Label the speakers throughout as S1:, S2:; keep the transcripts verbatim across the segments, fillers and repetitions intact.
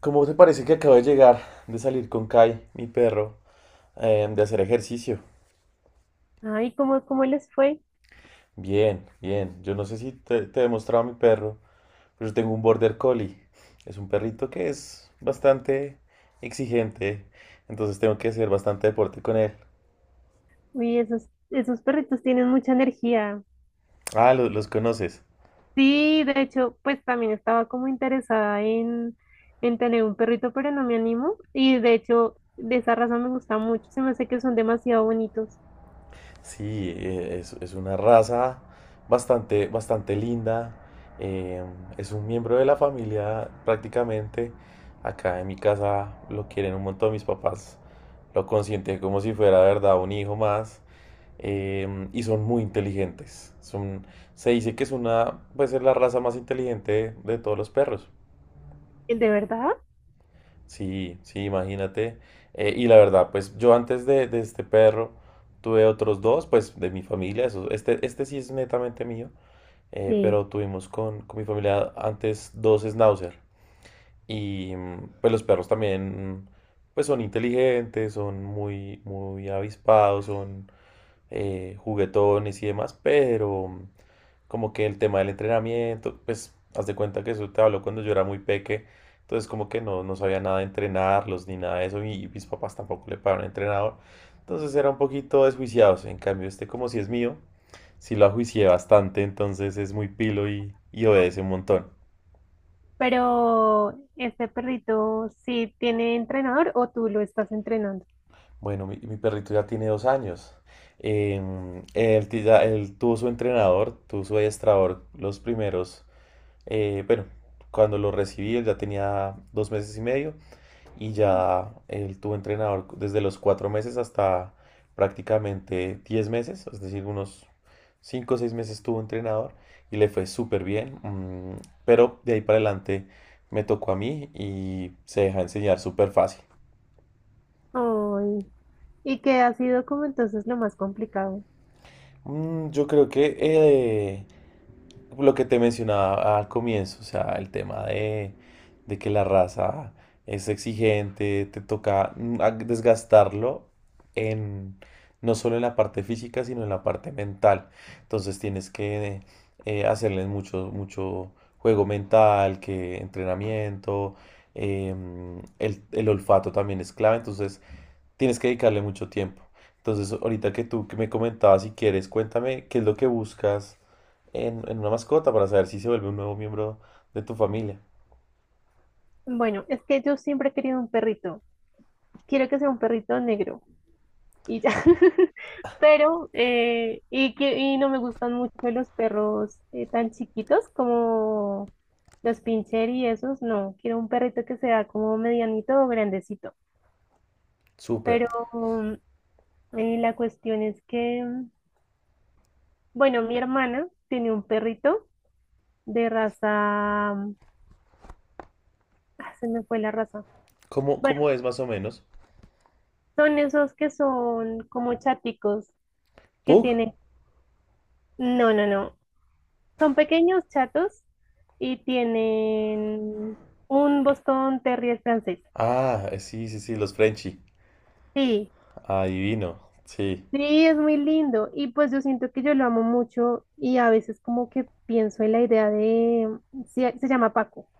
S1: ¿Cómo te parece que acabo de llegar de salir con Kai, mi perro, eh, de hacer ejercicio?
S2: Ay, ¿cómo, cómo les fue?
S1: Bien, bien. Yo no sé si te, te he mostrado a mi perro, pero yo tengo un Border Collie. Es un perrito que es bastante exigente, entonces tengo que hacer bastante deporte con él.
S2: Uy, esos, esos perritos tienen mucha energía.
S1: Ah, lo- los conoces.
S2: Sí, de hecho, pues también estaba como interesada en, en tener un perrito, pero no me animo. Y de hecho, de esa razón me gusta mucho. Se me hace que son demasiado bonitos.
S1: Sí, eh, es, es una raza bastante, bastante linda. eh, es un miembro de la familia prácticamente. Acá en mi casa lo quieren un montón. Mis papás lo consienten como si fuera, de verdad, un hijo más. Eh, y son muy inteligentes. Son, se dice que es una, pues es la raza más inteligente de, de todos los perros.
S2: ¿De verdad?
S1: Sí, sí, imagínate. Eh, y la verdad, pues yo antes de, de este perro tuve otros dos, pues de mi familia, eso, este, este sí es netamente mío, eh,
S2: Sí.
S1: pero tuvimos con, con mi familia antes dos schnauzer. Y mm, pues los perros también, pues son inteligentes, son muy, muy avispados, son eh, juguetones y demás, pero... mm, como que el tema del entrenamiento, pues haz de cuenta que eso te habló cuando yo era muy peque, entonces como que no, no sabía nada de entrenarlos ni nada de eso y mis papás tampoco le pagaron entrenador, entonces era un poquito desjuiciados, en cambio este como si es mío, sí lo ajuicié bastante, entonces es muy pilo y, y obedece un montón.
S2: Pero, ¿este perrito sí tiene entrenador o tú lo estás entrenando?
S1: Bueno, mi, mi perrito ya tiene dos años. Em, él, ti- ya- él tuvo su entrenador, tuvo su adiestrador los primeros, eh, bueno, cuando lo recibí él ya tenía dos meses y medio y
S2: Mm.
S1: ya él tuvo entrenador desde los cuatro meses hasta prácticamente diez meses, es decir, unos cinco o seis meses tuvo entrenador y le fue súper bien, mm, pero de ahí para adelante me tocó a mí y se deja enseñar súper fácil.
S2: Ay, ¿y qué ha sido como entonces lo más complicado?
S1: Mm, Yo creo que eh, lo que te mencionaba al comienzo, o sea, el tema de, de que la raza es exigente, te toca mm, a- desgastarlo en, no solo en la parte física, sino en la parte mental. Entonces tienes que eh, hacerles mucho, mucho juego mental, que entrenamiento, em, el, el olfato también es clave. Entonces, tienes que dedicarle mucho tiempo. Entonces, ahorita que tú que me comentabas, si quieres, cuéntame qué es lo que buscas en, en una mascota para saber si se vuelve un nuevo miembro de tu familia.
S2: Bueno, es que yo siempre he querido un perrito. Quiero que sea un perrito negro y ya. Pero, eh, y que y no me gustan mucho los perros eh, tan chiquitos como los pincher y esos, no. Quiero un perrito que sea como medianito o grandecito.
S1: Súper.
S2: Pero mm, eh, la cuestión es que, mm, bueno, mi hermana tiene un perrito de raza, mm, ah, se me fue la raza.
S1: ¿Cómo,
S2: Bueno,
S1: cómo es más o menos?
S2: son esos que son como chaticos que
S1: ¿Pug?
S2: tienen, no, no, no. Son pequeños, chatos y tienen un Boston Terrier francés.
S1: Ah, eh, sí, sí, sí, los Frenchie.
S2: Sí,
S1: Adivino, sí.
S2: sí, es muy lindo y pues yo siento que yo lo amo mucho y a veces como que pienso en la idea de, se, se llama Paco,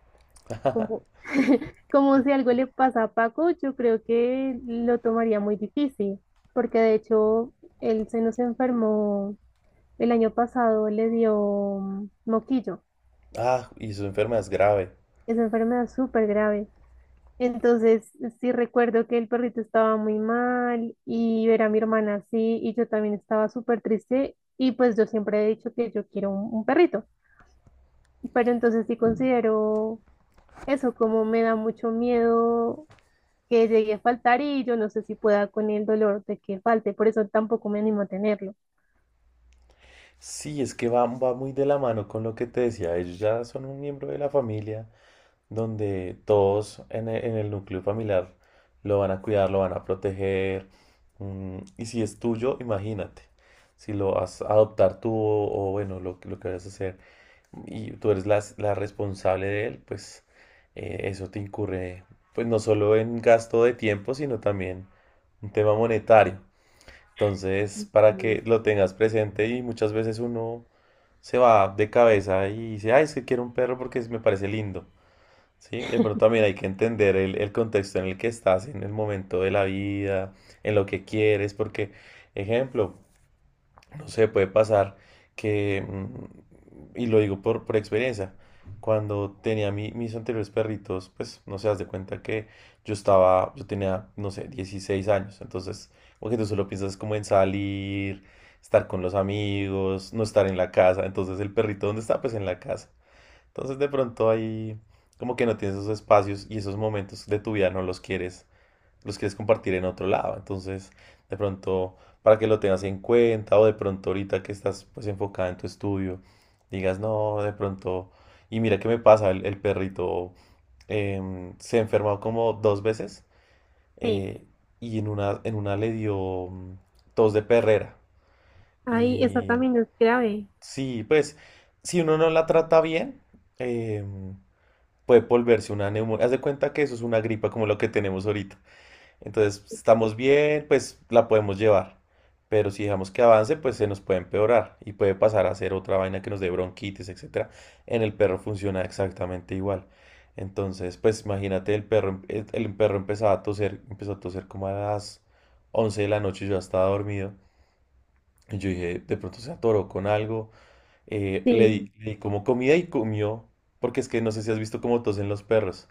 S2: como, como si algo le pasa a Paco, yo creo que lo tomaría muy difícil, porque de hecho él se nos enfermó el año pasado, le dio mm, moquillo,
S1: Ah, y su enfermedad es grave.
S2: esa enfermedad súper grave. Entonces, sí recuerdo que el perrito estaba muy mal y ver a mi hermana así y yo también estaba súper triste y pues yo siempre he dicho que yo quiero un, un perrito, pero entonces sí considero eso, como me da mucho miedo que llegue a faltar y yo no sé si pueda con el dolor de que falte, por eso tampoco me animo a tenerlo.
S1: Sí, es que va, va muy de la mano con lo que te decía. Ellos ya son un miembro de la familia, donde todos en e- en el núcleo familiar lo van a cuidar, lo van a proteger. mm, y si es tuyo, imagínate, si lo vas a adoptar tú o, o bueno, lo, que- lo que vayas a hacer y tú eres la, la responsable de él, pues eh, eso te incurre, pues no solo en gasto de tiempo, sino también un tema monetario. Entonces, para
S2: Mm.
S1: que lo tengas presente y muchas veces uno se va de cabeza y dice, ay, es que quiero un perro porque me parece lindo. Sí, de pronto también hay que entender el, el contexto en el que estás, en el momento de la vida, en lo que quieres, porque, ejemplo, no sé, puede pasar que, mm, y lo digo por, por experiencia, cuando tenía mi- mis anteriores perritos, pues, no sé, haz de cuenta que yo estaba, yo tenía, no sé, dieciséis años, entonces, porque tú solo piensas como en salir, estar con los amigos, no estar en la casa, entonces el perrito, ¿dónde está? Pues en la casa. Entonces de pronto ahí como que no tienes esos espacios y esos momentos de tu vida no los quieres, los quieres compartir en otro lado. Entonces de pronto para que lo tengas en cuenta o de pronto ahorita que estás pues enfocada en tu estudio, digas no, de pronto... Y mira qué me pasa, el, el perrito em, se enfermó como dos veces
S2: Sí,
S1: eh, y en una, en una le dio mm, tos de perrera.
S2: ahí eso
S1: Y
S2: también es grave.
S1: sí, pues si uno no la trata bien, em, puede volverse una neumonía. Haz de cuenta que eso es una gripa como lo que tenemos ahorita. Entonces, estamos bien, pues la podemos llevar. Pero si dejamos que avance, pues se nos puede empeorar y puede pasar a ser otra vaina que nos dé bronquitis, etcétera. En el perro funciona exactamente igual. Entonces, pues imagínate, el perro, em- el, el perro empezaba a toser, empezó a toser como a las once de la noche, yo ya estaba dormido. Y yo dije, de pronto se atoró con algo. Eh, le
S2: Sí,
S1: di, le di como comida y comió, porque es que no sé si has visto cómo tosen los perros.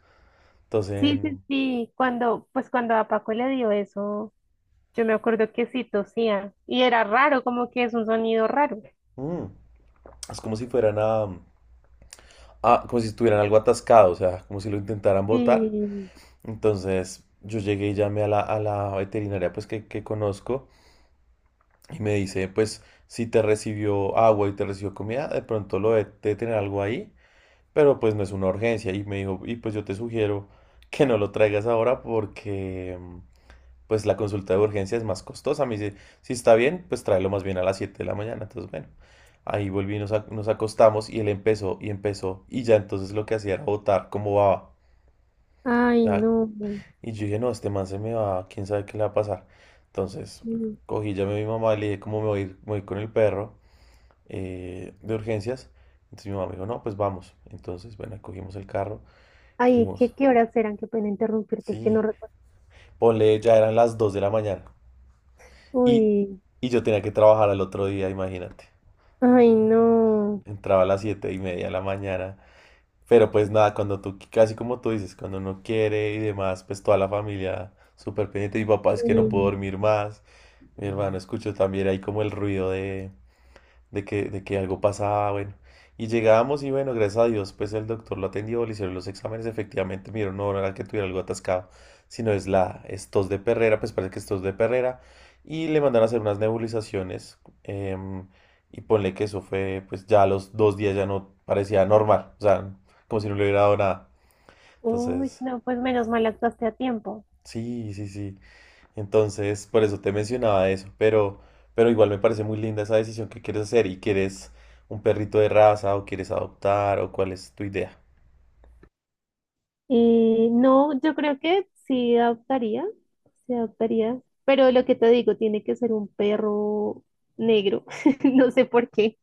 S1: Entonces,
S2: sí, sí, sí, cuando pues cuando a Paco le dio eso. Yo me acuerdo que sí tosía y era raro, como que es un sonido raro.
S1: mm, es como si fueran a, a- como si estuvieran algo atascado, o sea, como si lo intentaran botar.
S2: Sí.
S1: Entonces, yo llegué y llamé a la, a la veterinaria pues que, que conozco y me dice, pues, si te recibió agua y te recibió comida, de pronto lo de, de tener algo ahí, pero pues no es una urgencia. Y me dijo, y pues yo te sugiero que no lo traigas ahora porque... mm, pues la consulta de urgencia es más costosa. Me dice, si si está bien, pues tráelo más bien a las siete de la mañana. Entonces, bueno, ahí volví, nos, ac- nos acostamos y él empezó y empezó. Y ya entonces lo que hacía era botar como baba.
S2: Ay,
S1: Ya,
S2: no.
S1: y yo dije, no, este man se me va, quién sabe qué le va a pasar. Entonces,
S2: Sí.
S1: cogí, llamé a mi mamá y le dije, ¿cómo me voy, a ir- me voy con el perro eh, de urgencias? Entonces mi mamá me dijo, no, pues vamos. Entonces, bueno, cogimos el carro,
S2: Ay,
S1: fuimos.
S2: ¿qué, qué horas eran? Qué pena interrumpirte, es que no
S1: Sí,
S2: recuerdo.
S1: ponle, ya eran las dos de la mañana. Y,
S2: Uy,
S1: y yo tenía que trabajar al otro día, imagínate.
S2: ay, no.
S1: Entraba a las siete y media de la mañana. Pero pues nada, cuando tú, casi como tú dices, cuando uno quiere y demás, pues toda la familia súper pendiente. Mi papá es que no puedo
S2: Sí.
S1: dormir más. Mi hermano escuchó también ahí como el ruido de, de que, de que algo pasaba, bueno. Y llegábamos y bueno, gracias a Dios, pues el doctor lo atendió, le hicieron los exámenes, efectivamente, me no, no era que tuviera algo atascado, sino es la, es tos de perrera, pues parece que es tos de perrera, y le mandaron a hacer unas nebulizaciones, em, y ponle que eso fue, pues ya a los dos días ya no parecía normal, o sea, como si no le hubiera dado nada.
S2: Uy,
S1: Entonces,
S2: no, pues menos mal actuaste a tiempo.
S1: sí, sí, sí. Entonces, por eso te mencionaba eso, pero, pero igual me parece muy linda esa decisión que quieres hacer y quieres un perrito de raza o quieres adoptar o cuál es tu idea.
S2: Eh, no, yo creo que sí adoptaría, sí adoptaría, pero lo que te digo, tiene que ser un perro negro, no sé por qué.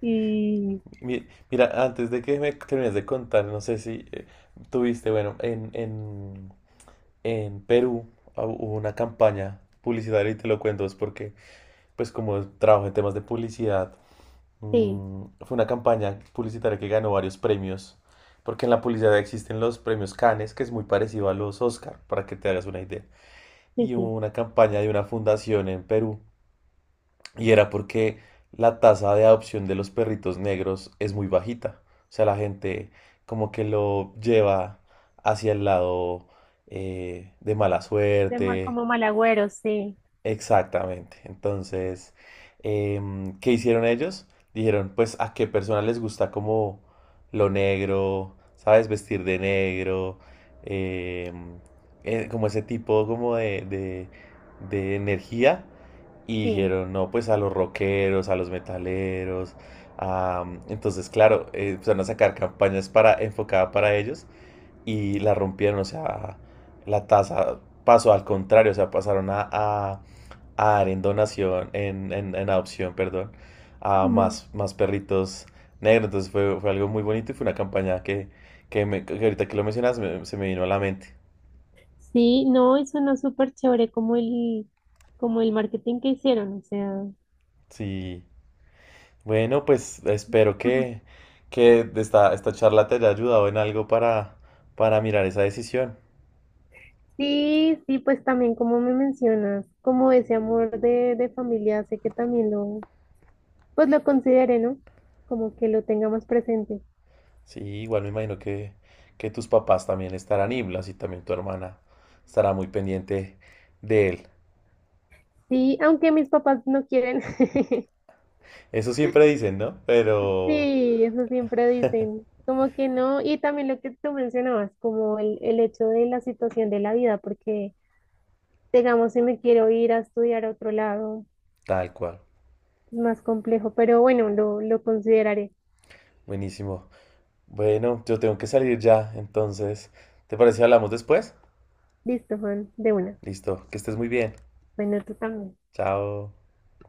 S2: Y
S1: Mi- Mira, antes de que me termines de contar, no sé si eh, tuviste, bueno, en, en, en Perú ah, hubo una campaña publicitaria y te lo cuento, es porque pues como trabajo en temas de publicidad,
S2: sí,
S1: Mm, fue una campaña publicitaria que ganó varios premios, porque en la publicidad existen los premios Cannes, que es muy parecido a los Oscar, para que te hagas una idea.
S2: sí,
S1: Y
S2: sí.
S1: hubo una campaña de una fundación en Perú, y era porque la tasa de adopción de los perritos negros es muy bajita. O sea, la gente como que lo lleva hacia el lado eh, de mala
S2: De ma-
S1: suerte.
S2: como mal agüero, sí.
S1: Exactamente. Entonces, em, ¿qué hicieron ellos? Dijeron, pues, ¿a qué persona les gusta como lo negro? ¿Sabes? Vestir de negro. em, eh, Como ese tipo como de, de, de energía. Y
S2: Sí.
S1: dijeron, no, pues a los rockeros, a los metaleros. a- entonces, claro, eh, empezaron a sacar campañas para, enfocadas para ellos y la rompieron, o sea, la tasa pasó al contrario, o sea, pasaron a, a a dar en donación, en, en, en adopción, perdón, a
S2: Mm.
S1: más, más perritos negros. Entonces fue, fue algo muy bonito y fue una campaña que, que, me- que ahorita que lo mencionas me- se me vino a la mente.
S2: Sí, no, y suena súper chévere como el, como el marketing que hicieron, o sea,
S1: Sí. Bueno, pues espero
S2: ujú.
S1: que, que esta, esta charla te haya ayudado en algo para, para mirar esa decisión.
S2: Sí, sí, pues también como me mencionas, como ese amor de, de familia, sé que también lo, pues lo considere, ¿no? Como que lo tenga más presente.
S1: Sí, igual me imagino que, que tus papás también estarán iblas y también tu hermana estará muy pendiente de él.
S2: Sí, aunque mis papás no quieren.
S1: Eso siempre dicen, ¿no? Pero
S2: Sí, eso siempre dicen, como que no, y también lo que tú mencionabas, como el, el hecho de la situación de la vida, porque digamos, si me quiero ir a estudiar a otro lado,
S1: tal cual.
S2: es más complejo, pero bueno, lo, lo consideraré.
S1: Buenísimo. Bueno, yo tengo que salir ya, entonces, ¿te parece si hablamos después?
S2: Listo, Juan, de una.
S1: Listo, que estés muy bien.
S2: Bueno, tú también.
S1: Chao.